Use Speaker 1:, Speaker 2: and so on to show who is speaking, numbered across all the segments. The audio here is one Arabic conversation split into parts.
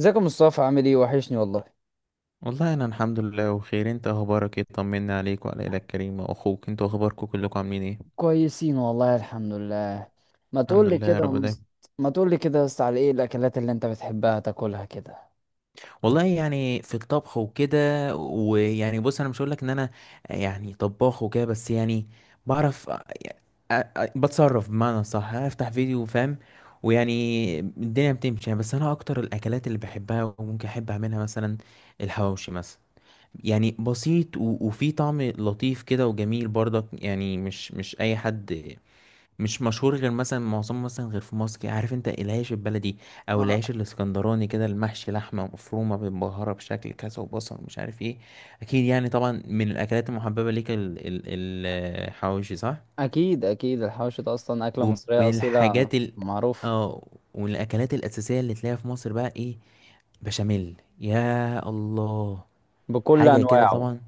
Speaker 1: ازيك يا مصطفى، عامل ايه؟ وحشني والله.
Speaker 2: والله انا الحمد لله بخير. انت اخبارك ايه؟ طمنا عليك وعلى الى الكريم واخوك. انتوا اخباركم كلكم عاملين ايه؟
Speaker 1: كويسين والله، الحمد لله. ما
Speaker 2: الحمد
Speaker 1: تقول لي
Speaker 2: لله يا
Speaker 1: كده يا
Speaker 2: رب دايما.
Speaker 1: مص- ما تقول لي كده، بس على ايه الاكلات اللي انت بتحبها تاكلها كده؟
Speaker 2: والله، يعني في الطبخ وكده. ويعني، بص انا مش هقول لك ان انا يعني طباخ وكده، بس يعني بعرف بتصرف، بمعنى صح، افتح فيديو، فاهم. ويعني الدنيا بتمشي يعني. بس انا اكتر الاكلات اللي بحبها وممكن احب اعملها مثلا الحواوشي مثلا. يعني بسيط و- وفي طعم لطيف كده وجميل برضك. يعني مش اي حد، مش مشهور غير مثلا معظمه، مثلا غير في مصر كده. عارف انت العيش البلدي او
Speaker 1: آه،
Speaker 2: العيش الاسكندراني، كده المحشي لحمه مفرومه متبهره بشكل كذا وبصل مش عارف ايه. اكيد يعني طبعا من الاكلات المحببه ليك الحواوشي، صح؟
Speaker 1: اكيد اكيد، الحوش ده اصلا اكله
Speaker 2: ومن
Speaker 1: مصريه اصيله
Speaker 2: الحاجات
Speaker 1: معروفه،
Speaker 2: اه، ومن الاكلات الاساسيه اللي تلاقيها في مصر بقى ايه؟ بشاميل، يا الله.
Speaker 1: بكل
Speaker 2: حاجه كده
Speaker 1: انواعه.
Speaker 2: طبعا.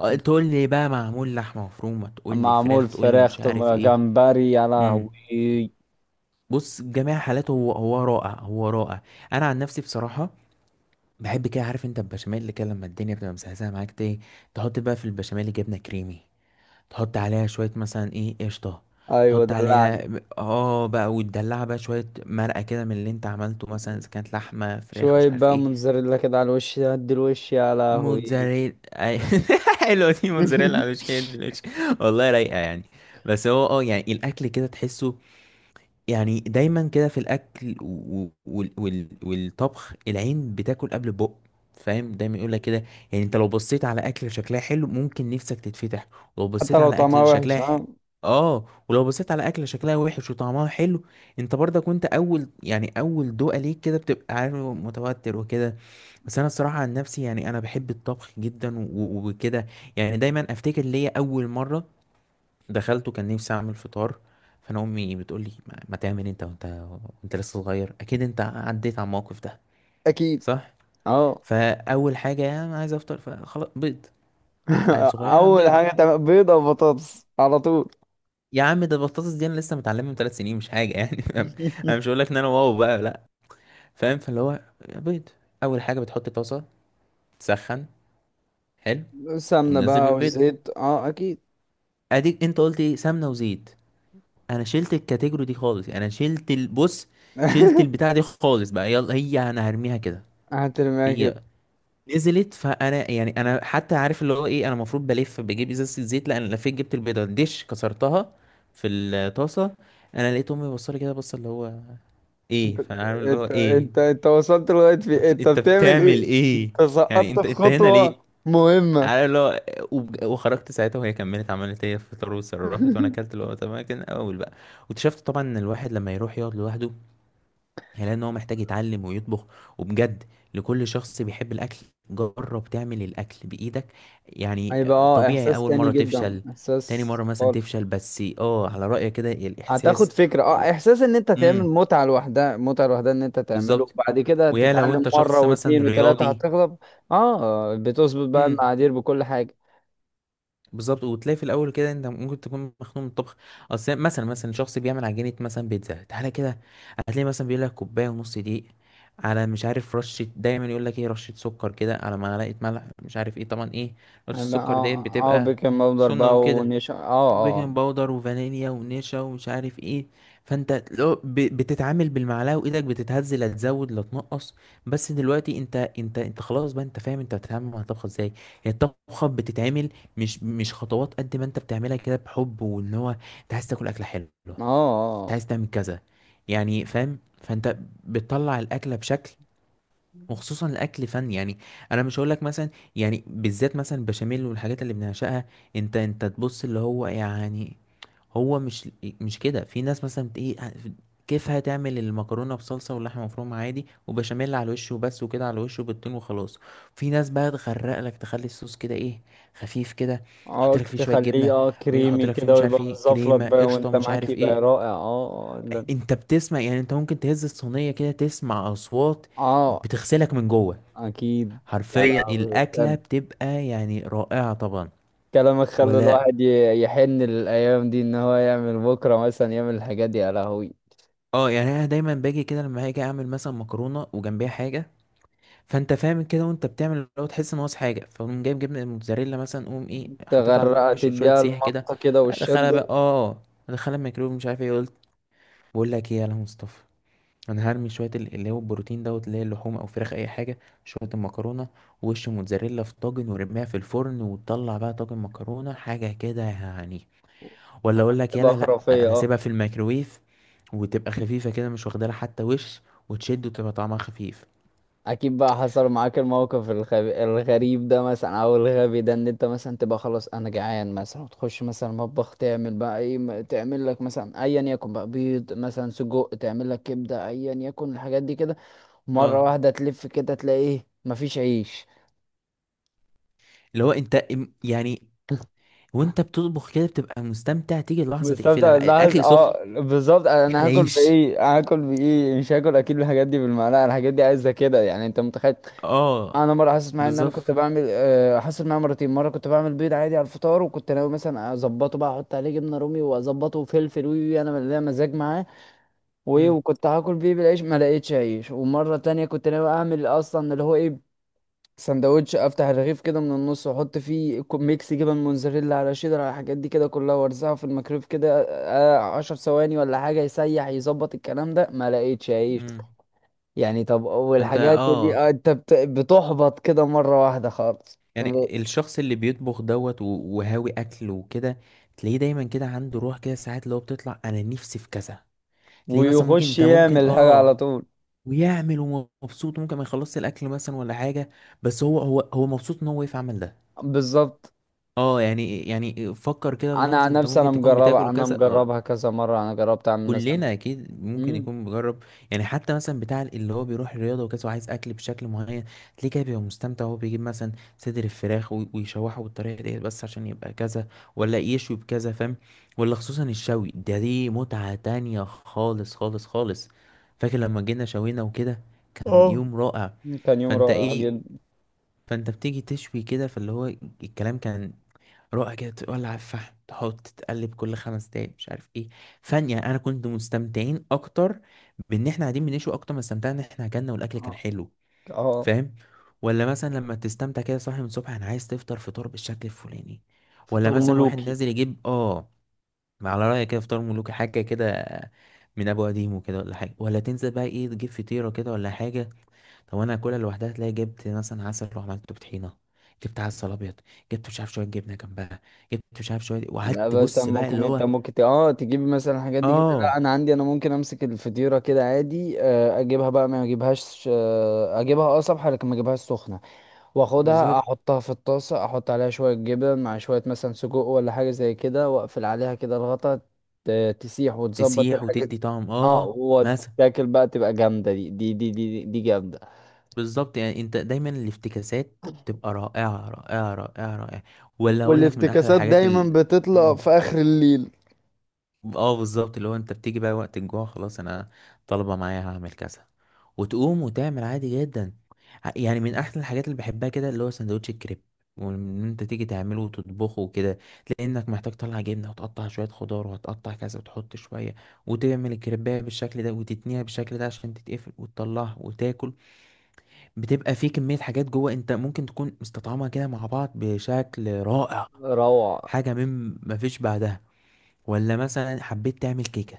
Speaker 2: اه،
Speaker 1: م.
Speaker 2: تقول لي بقى معمول لحمه مفرومه، تقول لي
Speaker 1: معمول
Speaker 2: فراخ، تقول لي
Speaker 1: فراخ،
Speaker 2: مش عارف
Speaker 1: طب
Speaker 2: ايه.
Speaker 1: جمبري، يا
Speaker 2: امم.
Speaker 1: لهوي!
Speaker 2: بص، جميع حالاته هو هو رائع، هو رائع. انا عن نفسي بصراحه بحب كده. عارف انت البشاميل كده لما الدنيا بتبقى مسهسه معاك، ايه، تحط بقى في البشاميل جبنه كريمي، تحط عليها شويه مثلا ايه قشطه،
Speaker 1: ايوه
Speaker 2: تحط
Speaker 1: دلعني،
Speaker 2: عليها بقى، وتدلعها بقى شويه مرقه كده من اللي انت عملته، مثلا اذا كانت لحمه فراخ مش
Speaker 1: شويه
Speaker 2: عارف
Speaker 1: بقى
Speaker 2: ايه.
Speaker 1: موتزاريلا كده على الوش، هدي الوش يا لهوي.
Speaker 2: موتزاريلا حلوه دي، موتزاريلا على وش. والله رايقه يعني. بس هو، يعني الاكل كده تحسه. يعني دايما كده في الاكل و- وال وال والطبخ، العين بتاكل قبل البق، فاهم، دايما يقول لك كده. يعني انت لو بصيت على اكل شكلها حلو، ممكن نفسك تتفتح. ولو
Speaker 1: حتى
Speaker 2: بصيت
Speaker 1: لو
Speaker 2: على
Speaker 1: طعمها
Speaker 2: اكل
Speaker 1: وحش،
Speaker 2: شكلها
Speaker 1: اه.
Speaker 2: اه، ولو بصيت على اكل شكلها وحش وطعمها حلو، انت برضك وانت اول، يعني اول دوقه ليك كده، بتبقى عارف متوتر وكده. بس انا الصراحه عن نفسي، يعني انا بحب الطبخ جدا و- و- وكده. يعني دايما افتكر ليا اول مره دخلت وكان نفسي اعمل فطار. فانا امي بتقول لي ما ما تعمل انت وانت، وانت لسه صغير. اكيد انت عديت على الموقف ده،
Speaker 1: اكيد،
Speaker 2: صح.
Speaker 1: اه.
Speaker 2: فاول حاجه انا عايز افطر، فخلاص، بيض. عيل صغير،
Speaker 1: اول
Speaker 2: بيض.
Speaker 1: حاجه تعمل بيضه وبطاطس على طول.
Speaker 2: يا عم، ده البطاطس دي انا لسه متعلمها من 3 سنين، مش حاجه يعني. فاهم؟ انا مش هقول لك ان انا واو بقى، لا. فاهم. فاللي هو بيض. اول حاجه بتحط طاسه، تسخن، حلو، تقوم
Speaker 1: سمنه
Speaker 2: نزل
Speaker 1: بقى
Speaker 2: بالبيضه.
Speaker 1: والزيت، اه اكيد.
Speaker 2: اديك انت قلت ايه، سمنه وزيت. انا شلت الكاتيجوري دي خالص، يعني انا شلت البص، شلت البتاع دي خالص بقى. يلا هي انا هرميها كده.
Speaker 1: هترميها كده؟
Speaker 2: هي نزلت. فانا يعني انا حتى عارف اللي هو ايه، انا المفروض بلف بجيب ازازه الزيت، لا انا لفيت جبت البيضه الدش، كسرتها في الطاسه. انا لقيت امي بصلي كده، بص اللي هو ايه.
Speaker 1: انت
Speaker 2: فانا عارف اللي هو
Speaker 1: انت
Speaker 2: ايه.
Speaker 1: انت انت وصلت لغايه في إيه؟ انت
Speaker 2: انت
Speaker 1: بتعمل
Speaker 2: بتعمل
Speaker 1: ايه؟
Speaker 2: ايه،
Speaker 1: انت
Speaker 2: يعني
Speaker 1: سقطت في
Speaker 2: انت هنا ليه؟
Speaker 1: خطوه مهمه.
Speaker 2: عارف اللي هو. وخرجت ساعتها وهي كملت، عملت هي فطار وصرفت، وانا اكلت اللي هو تمام. كان اول بقى. واكتشفت طبعا ان الواحد لما يروح يقعد لوحده، هيلاقي ان هو محتاج يتعلم ويطبخ، وبجد. لكل شخص بيحب الاكل، جرب تعمل الاكل بايدك يعني.
Speaker 1: هيبقى اه،
Speaker 2: طبيعي
Speaker 1: احساس
Speaker 2: اول
Speaker 1: تاني
Speaker 2: مره
Speaker 1: جدا،
Speaker 2: تفشل، تاني
Speaker 1: احساس
Speaker 2: مره مثلا
Speaker 1: خالص.
Speaker 2: تفشل، بس اه، على رايك كده
Speaker 1: هتاخد
Speaker 2: الاحساس
Speaker 1: فكره،
Speaker 2: و...
Speaker 1: احساس ان انت تعمل،
Speaker 2: امم،
Speaker 1: متعه لوحدها، متعه لوحدها، ان انت تعمله
Speaker 2: بالظبط.
Speaker 1: بعد كده
Speaker 2: ويا لو
Speaker 1: تتعلم
Speaker 2: انت
Speaker 1: مره
Speaker 2: شخص مثلا
Speaker 1: واتنين وتلاته
Speaker 2: رياضي،
Speaker 1: هتغلب. اه، بتظبط بقى المقادير بكل حاجه.
Speaker 2: بالظبط. وتلاقي في الاول كده انت ممكن تكون مخنوق من الطبخ. اصل مثلا شخص بيعمل عجينه مثلا بيتزا، تعالى كده. هتلاقي مثلا بيقول لك كوبايه ونص دقيق، على مش عارف رشه، دايما يقول لك ايه رشه سكر كده، على معلقه ملح، مش عارف ايه، طبعا ايه رشه
Speaker 1: هيبقى
Speaker 2: السكر ديت بتبقى
Speaker 1: بيكنج باودر
Speaker 2: سنه
Speaker 1: بقى
Speaker 2: وكده،
Speaker 1: ونشا. اه اه
Speaker 2: وبيكنج باودر وفانيليا ونشا ومش عارف ايه. فانت لو بتتعامل بالمعلقه وايدك بتتهز، لا تزود لا تنقص. بس دلوقتي انت خلاص بقى، انت فاهم انت بتتعامل مع الطبخه ازاي. هي الطبخه بتتعمل، مش خطوات، قد ما انت بتعملها كده بحب، وان هو انت عايز تاكل اكله حلوه،
Speaker 1: اه
Speaker 2: انت
Speaker 1: اه
Speaker 2: عايز تعمل كذا، يعني فاهم. فانت بتطلع الاكله بشكل. وخصوصا الاكل فن يعني. انا مش هقول لك مثلا، يعني بالذات مثلا البشاميل والحاجات اللي بنعشقها، انت تبص اللي هو يعني. هو مش مش كده. في ناس مثلا ايه، كيفها تعمل المكرونه بصلصه واللحمه مفرومه عادي وبشاميل على الوش وبس، وكده على الوش وبالتون وخلاص. في ناس بقى تغرق لك، تخلي الصوص كده ايه، خفيف كده، يحط لك فيه شويه
Speaker 1: تخليه
Speaker 2: جبنه، يحط
Speaker 1: كريمي
Speaker 2: لك فيه
Speaker 1: كده،
Speaker 2: مش عارف
Speaker 1: ويبقى
Speaker 2: ايه
Speaker 1: مزفلط
Speaker 2: كريمه
Speaker 1: بقى
Speaker 2: قشطه،
Speaker 1: وانت
Speaker 2: مش
Speaker 1: معاك،
Speaker 2: عارف
Speaker 1: يبقى
Speaker 2: ايه.
Speaker 1: رائع اه اه.
Speaker 2: انت بتسمع، يعني انت ممكن تهز الصينيه كده تسمع اصوات،
Speaker 1: اه
Speaker 2: بتغسلك من جوه.
Speaker 1: اكيد. يا
Speaker 2: حرفيا
Speaker 1: لهوي،
Speaker 2: الاكله بتبقى يعني رائعه طبعا.
Speaker 1: كلامك خلى
Speaker 2: ولا،
Speaker 1: الواحد يحن للايام دي، ان هو يعمل بكره مثلا، يعمل الحاجات دي يا لهوي.
Speaker 2: اه يعني انا دايما باجي كده لما هاجي اعمل مثلا مكرونه وجنبيها حاجه. فانت فاهم كده، وانت بتعمل لو تحس ان ناقص حاجه، فقوم جايب جبنه الموتزاريلا مثلا، قوم ايه، حطيتها على
Speaker 1: تغرقها،
Speaker 2: الوش شويه
Speaker 1: تديها
Speaker 2: سيح كده.
Speaker 1: المطه كده
Speaker 2: ادخلها بقى،
Speaker 1: والشده،
Speaker 2: اه، ادخلها الميكرويف مش عارف ايه. قلت بقول لك ايه يا مصطفى، انا هرمي شويه اللي هو البروتين دوت، اللي هي اللحوم او فراخ اي حاجه، شويه المكرونه، وش موتزاريلا في طاجن ورميها في الفرن، وتطلع بقى طاجن مكرونه حاجه كده يعني. ولا اقول لك
Speaker 1: تبقى
Speaker 2: يلا، لا
Speaker 1: خرافيه
Speaker 2: انا
Speaker 1: اه.
Speaker 2: هسيبها في الميكروويف، وتبقى خفيفه كده، مش واخده لها حتى وش، وتشد وتبقى طعمها خفيف.
Speaker 1: اكيد بقى حصل معاك الموقف الغريب ده، مثلا، او الغبي ده، ان انت مثلا تبقى خلاص انا جعان مثلا، وتخش مثلا المطبخ تعمل بقى ايه، تعمل لك مثلا ايا يكن بقى، بيض مثلا، سجق، تعمل لك كبده، ايا يكن الحاجات دي كده. مره
Speaker 2: اه،
Speaker 1: واحده تلف كده، تلاقي ايه؟ مفيش عيش!
Speaker 2: اللي هو انت يعني، وانت بتطبخ كده بتبقى مستمتع، تيجي لحظه
Speaker 1: مستمتع
Speaker 2: تقفلها
Speaker 1: اللحظة،
Speaker 2: الاكل سخن.
Speaker 1: اه بالظبط.
Speaker 2: فين
Speaker 1: انا هاكل
Speaker 2: العيش؟
Speaker 1: بايه؟ هاكل بايه؟ مش هاكل اكيد. الحاجات دي بالمعلقه، الحاجات دي عايزه كده، يعني انت متخيل.
Speaker 2: اه،
Speaker 1: انا مره حاسس معايا ان انا كنت
Speaker 2: بالظبط.
Speaker 1: بعمل، آه، حصل معايا مرتين. مره كنت بعمل بيض عادي على الفطار، وكنت ناوي مثلا اظبطه بقى، احط عليه جبنه رومي واظبطه وفلفل، وي وي انا ليا مزاج معاه، وايه،
Speaker 2: امم
Speaker 1: وكنت هاكل بيه بالعيش، ما لقيتش عيش. ومره تانية كنت ناوي اعمل اصلا اللي هو ايه، سندوتش، افتح الرغيف كده من النص، واحط فيه ميكس، جبن موزاريلا على شيدر على الحاجات دي كده كلها، وارزعه في الميكرويف كده آه، 10 ثواني ولا حاجه، يسيح يظبط الكلام ده. ما لقيتش عيش.
Speaker 2: امم
Speaker 1: يعني طب
Speaker 2: فانت،
Speaker 1: والحاجات دي آه، انت بتحبط كده مرة واحدة خالص.
Speaker 2: يعني الشخص اللي بيطبخ دوت وهاوي اكل وكده، تلاقيه دايما كده عنده روح كده ساعات، اللي هو بتطلع انا نفسي في كذا. تلاقيه مثلا ممكن،
Speaker 1: ويخش
Speaker 2: انت ممكن
Speaker 1: يعمل حاجة على طول.
Speaker 2: ويعمل ومبسوط، ممكن ما يخلصش الاكل مثلا ولا حاجه، بس هو مبسوط ان هو واقف عمل ده.
Speaker 1: بالظبط.
Speaker 2: اه، يعني فكر كده
Speaker 1: انا
Speaker 2: اللحظه
Speaker 1: عن
Speaker 2: انت
Speaker 1: نفسي، انا
Speaker 2: ممكن تكون بتاكل
Speaker 1: مجربة، انا
Speaker 2: وكذا.
Speaker 1: مجربها كذا مرة، انا جربت اعمل مثلا.
Speaker 2: كلنا اكيد ممكن
Speaker 1: مم.
Speaker 2: يكون مجرب. يعني حتى مثلا بتاع اللي هو بيروح الرياضه وكده، وعايز اكل بشكل معين، تلاقيه كده بيبقى مستمتع، وهو بيجيب مثلا صدر الفراخ وي- ويشوحه بالطريقه ديت، بس عشان يبقى كذا. ولا يشوي بكذا، فاهم. ولا خصوصا الشوي ده، دي متعه تانية خالص خالص خالص. فاكر لما جينا شوينا وكده، كان
Speaker 1: اه،
Speaker 2: يوم رائع.
Speaker 1: كان يوم
Speaker 2: فانت
Speaker 1: رائع
Speaker 2: ايه،
Speaker 1: جدا.
Speaker 2: فانت بتيجي تشوي كده، فاللي هو الكلام كان رائع كده، تولع الفحم، تحط تقلب كل 5 دقايق مش عارف ايه. فن يعني. انا كنت مستمتعين اكتر بان احنا قاعدين بنشوي اكتر ما استمتعنا ان احنا اكلنا، والاكل كان
Speaker 1: اه،
Speaker 2: حلو،
Speaker 1: آه،
Speaker 2: فاهم. ولا مثلا لما تستمتع كده صاحي من الصبح، انا عايز تفطر فطار بالشكل الفلاني. ولا
Speaker 1: فطار
Speaker 2: مثلا واحد
Speaker 1: ملوكي.
Speaker 2: نازل يجيب على رأيك كده فطار ملوكي حاجه كده، من ابو قديم وكده ولا حاجه. ولا تنزل بقى ايه، تجيب فطيره كده ولا حاجه. طب انا اكلها لوحدها، تلاقي جبت مثلا عسل، روح عملته بطحينه، جبت عسل ابيض، جبت مش عارف شويه جبنه جنبها، جبت مش عارف شويه،
Speaker 1: لا،
Speaker 2: وقعدت
Speaker 1: بس
Speaker 2: بص بقى اللي
Speaker 1: ممكن
Speaker 2: هو
Speaker 1: انت ممكن تجيب مثلا الحاجات دي كده،
Speaker 2: اه،
Speaker 1: لا انا عندي، انا ممكن امسك الفطيره كده عادي، آه، اجيبها بقى، ما اجيبهاش، آه، اجيبها اه صبحه، لكن ما اجيبهاش سخنه، واخدها
Speaker 2: بالظبط.
Speaker 1: احطها في الطاسة، احط عليها شوية جبن مع شوية مثلا سجق ولا حاجة زي كده، واقفل عليها كده الغطا، تسيح وتظبط
Speaker 2: تسيح
Speaker 1: الحاجات،
Speaker 2: وتدي طعم،
Speaker 1: اه،
Speaker 2: اه مثلا.
Speaker 1: وتاكل بقى تبقى جامدة، دي جامدة.
Speaker 2: بالظبط. يعني انت دايما الافتكاسات تبقى رائعه رائعه رائعه رائعه. ولا اقول لك من احلى
Speaker 1: والافتكاسات
Speaker 2: الحاجات
Speaker 1: دايما بتطلع
Speaker 2: مم.
Speaker 1: في آخر الليل.
Speaker 2: اه، بالظبط. اللي هو انت بتيجي بقى وقت الجوع، خلاص انا طالبه معايا، هعمل كذا، وتقوم وتعمل عادي جدا. يعني من احسن الحاجات اللي بحبها كده، اللي هو سندوتش الكريب، وان انت تيجي تعمله وتطبخه وكده. لانك محتاج تطلع جبنه وتقطع شويه خضار، وهتقطع كذا وتحط شويه، وتعمل الكريبايه بالشكل ده، وتتنيها بالشكل ده عشان تتقفل، وتطلعها وتاكل. بتبقى في كميه حاجات جوه، انت ممكن تكون مستطعمها كده مع بعض بشكل رائع.
Speaker 1: روعة.
Speaker 2: حاجه من مفيش بعدها. ولا مثلا حبيت تعمل كيكه،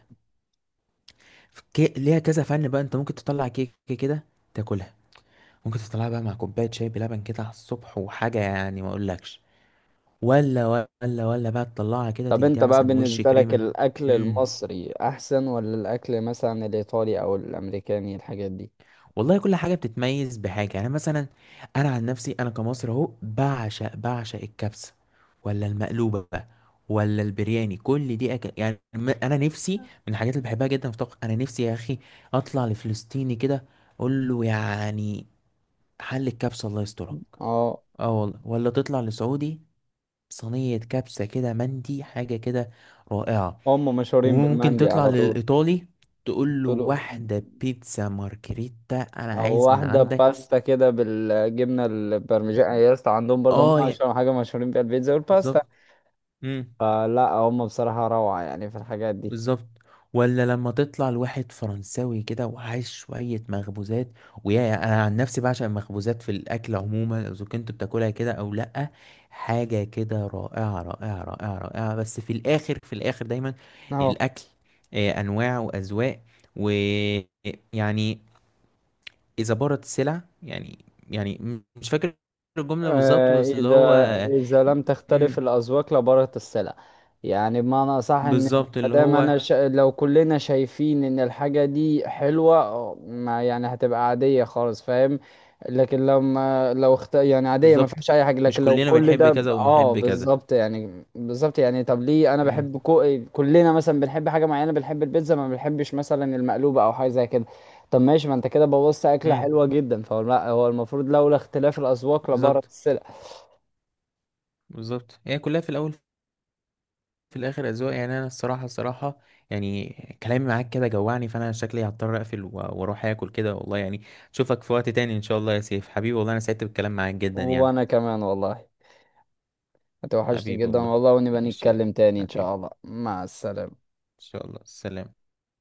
Speaker 2: ليها كذا فن بقى، انت ممكن تطلع كيك كده، تاكلها. ممكن تطلعها بقى مع كوبايه شاي بلبن كده على الصبح، وحاجه يعني ما اقولكش. ولا، ولا، ولا بقى تطلعها كده
Speaker 1: طب
Speaker 2: تديها
Speaker 1: انت بقى
Speaker 2: مثلا وش
Speaker 1: بالنسبة لك،
Speaker 2: كريمه.
Speaker 1: الاكل
Speaker 2: امم
Speaker 1: المصري احسن، ولا الاكل مثلا الايطالي او الامريكاني الحاجات دي؟
Speaker 2: والله كل حاجه بتتميز بحاجه يعني، مثلا انا عن نفسي، انا كمصري اهو بعشق بعشق الكبسه، ولا المقلوبه بقى، ولا البرياني، كل دي أكل يعني. انا نفسي من الحاجات اللي بحبها جدا في الطبخ، انا نفسي يا اخي اطلع لفلسطيني كده، اقول له يعني حل الكبسة الله يسترك.
Speaker 1: اه،
Speaker 2: اه والله. ولا تطلع لسعودي صينية كبسة كده، مندي حاجة كده، رائعة.
Speaker 1: هم مشهورين
Speaker 2: وممكن
Speaker 1: بالمندي
Speaker 2: تطلع
Speaker 1: على طول.
Speaker 2: للإيطالي تقول
Speaker 1: قلت
Speaker 2: له
Speaker 1: له،
Speaker 2: واحدة بيتزا مارجريتا أنا
Speaker 1: او
Speaker 2: عايز من
Speaker 1: واحده عندهم
Speaker 2: عندك.
Speaker 1: باستا كده بالجبنه البرمجان، يا اسطى عندهم برضه،
Speaker 2: اه،
Speaker 1: هم اشهر حاجه مشهورين بيها البيتزا والباستا.
Speaker 2: بالظبط. مم.
Speaker 1: فلا هم بصراحه روعه، يعني في الحاجات دي.
Speaker 2: بالظبط. ولا لما تطلع لواحد فرنساوي كده وعايش شوية مخبوزات، ويا، انا عن نفسي بعشق المخبوزات في الاكل عموما، اذا كنت بتاكلها كده او لا. حاجة كده رائعة رائعة رائعة رائعة. بس في الاخر، في الاخر دايما
Speaker 1: اهو.
Speaker 2: الاكل آه، انواع واذواق، ويعني اذا بارت السلع يعني. يعني مش فاكر الجملة بالظبط،
Speaker 1: آه،
Speaker 2: بس اللي
Speaker 1: إذا
Speaker 2: هو
Speaker 1: إذا لم تختلف
Speaker 2: م-
Speaker 1: الأذواق لبارت السلع. يعني بمعنى أصح، إن
Speaker 2: بالظبط اللي
Speaker 1: مادام
Speaker 2: هو
Speaker 1: أنا لو كلنا شايفين إن الحاجة دي حلوة آه، ما يعني هتبقى عادية خالص، فاهم. لكن لما لو يعني عادية ما
Speaker 2: بالظبط.
Speaker 1: فيهاش أي حاجة،
Speaker 2: مش
Speaker 1: لكن لو
Speaker 2: كلنا
Speaker 1: كل
Speaker 2: بنحب
Speaker 1: ده
Speaker 2: كذا وبنحب كذا.
Speaker 1: بالظبط يعني، طب ليه أنا
Speaker 2: امم
Speaker 1: بحب كلنا مثلا بنحب حاجة معينة، بنحب البيتزا ما بنحبش مثلا المقلوبة أو حاجة زي كده. طب ماشي، ما انت كده بوظت اكله
Speaker 2: امم
Speaker 1: حلوه جدا، فهو لا، هو المفروض لولا اختلاف الاذواق لبارت
Speaker 2: بالظبط،
Speaker 1: السلع.
Speaker 2: بالظبط. هي كلها في الاول، في الاخر اذواق يعني. انا الصراحه الصراحه يعني كلامي معاك كده جوعني، فانا شكلي هضطر اقفل و- واروح اكل كده والله. يعني اشوفك في وقت تاني ان شاء الله يا سيف. حبيبي والله، انا سعدت بالكلام معاك جدا يعني.
Speaker 1: وانا كمان والله، هتوحشني
Speaker 2: حبيبي
Speaker 1: جدا
Speaker 2: والله.
Speaker 1: والله، ونبقى
Speaker 2: ماشي، يلا.
Speaker 1: نتكلم تاني ان
Speaker 2: حبيبي.
Speaker 1: شاء الله. مع السلامه.
Speaker 2: ان شاء الله، سلام.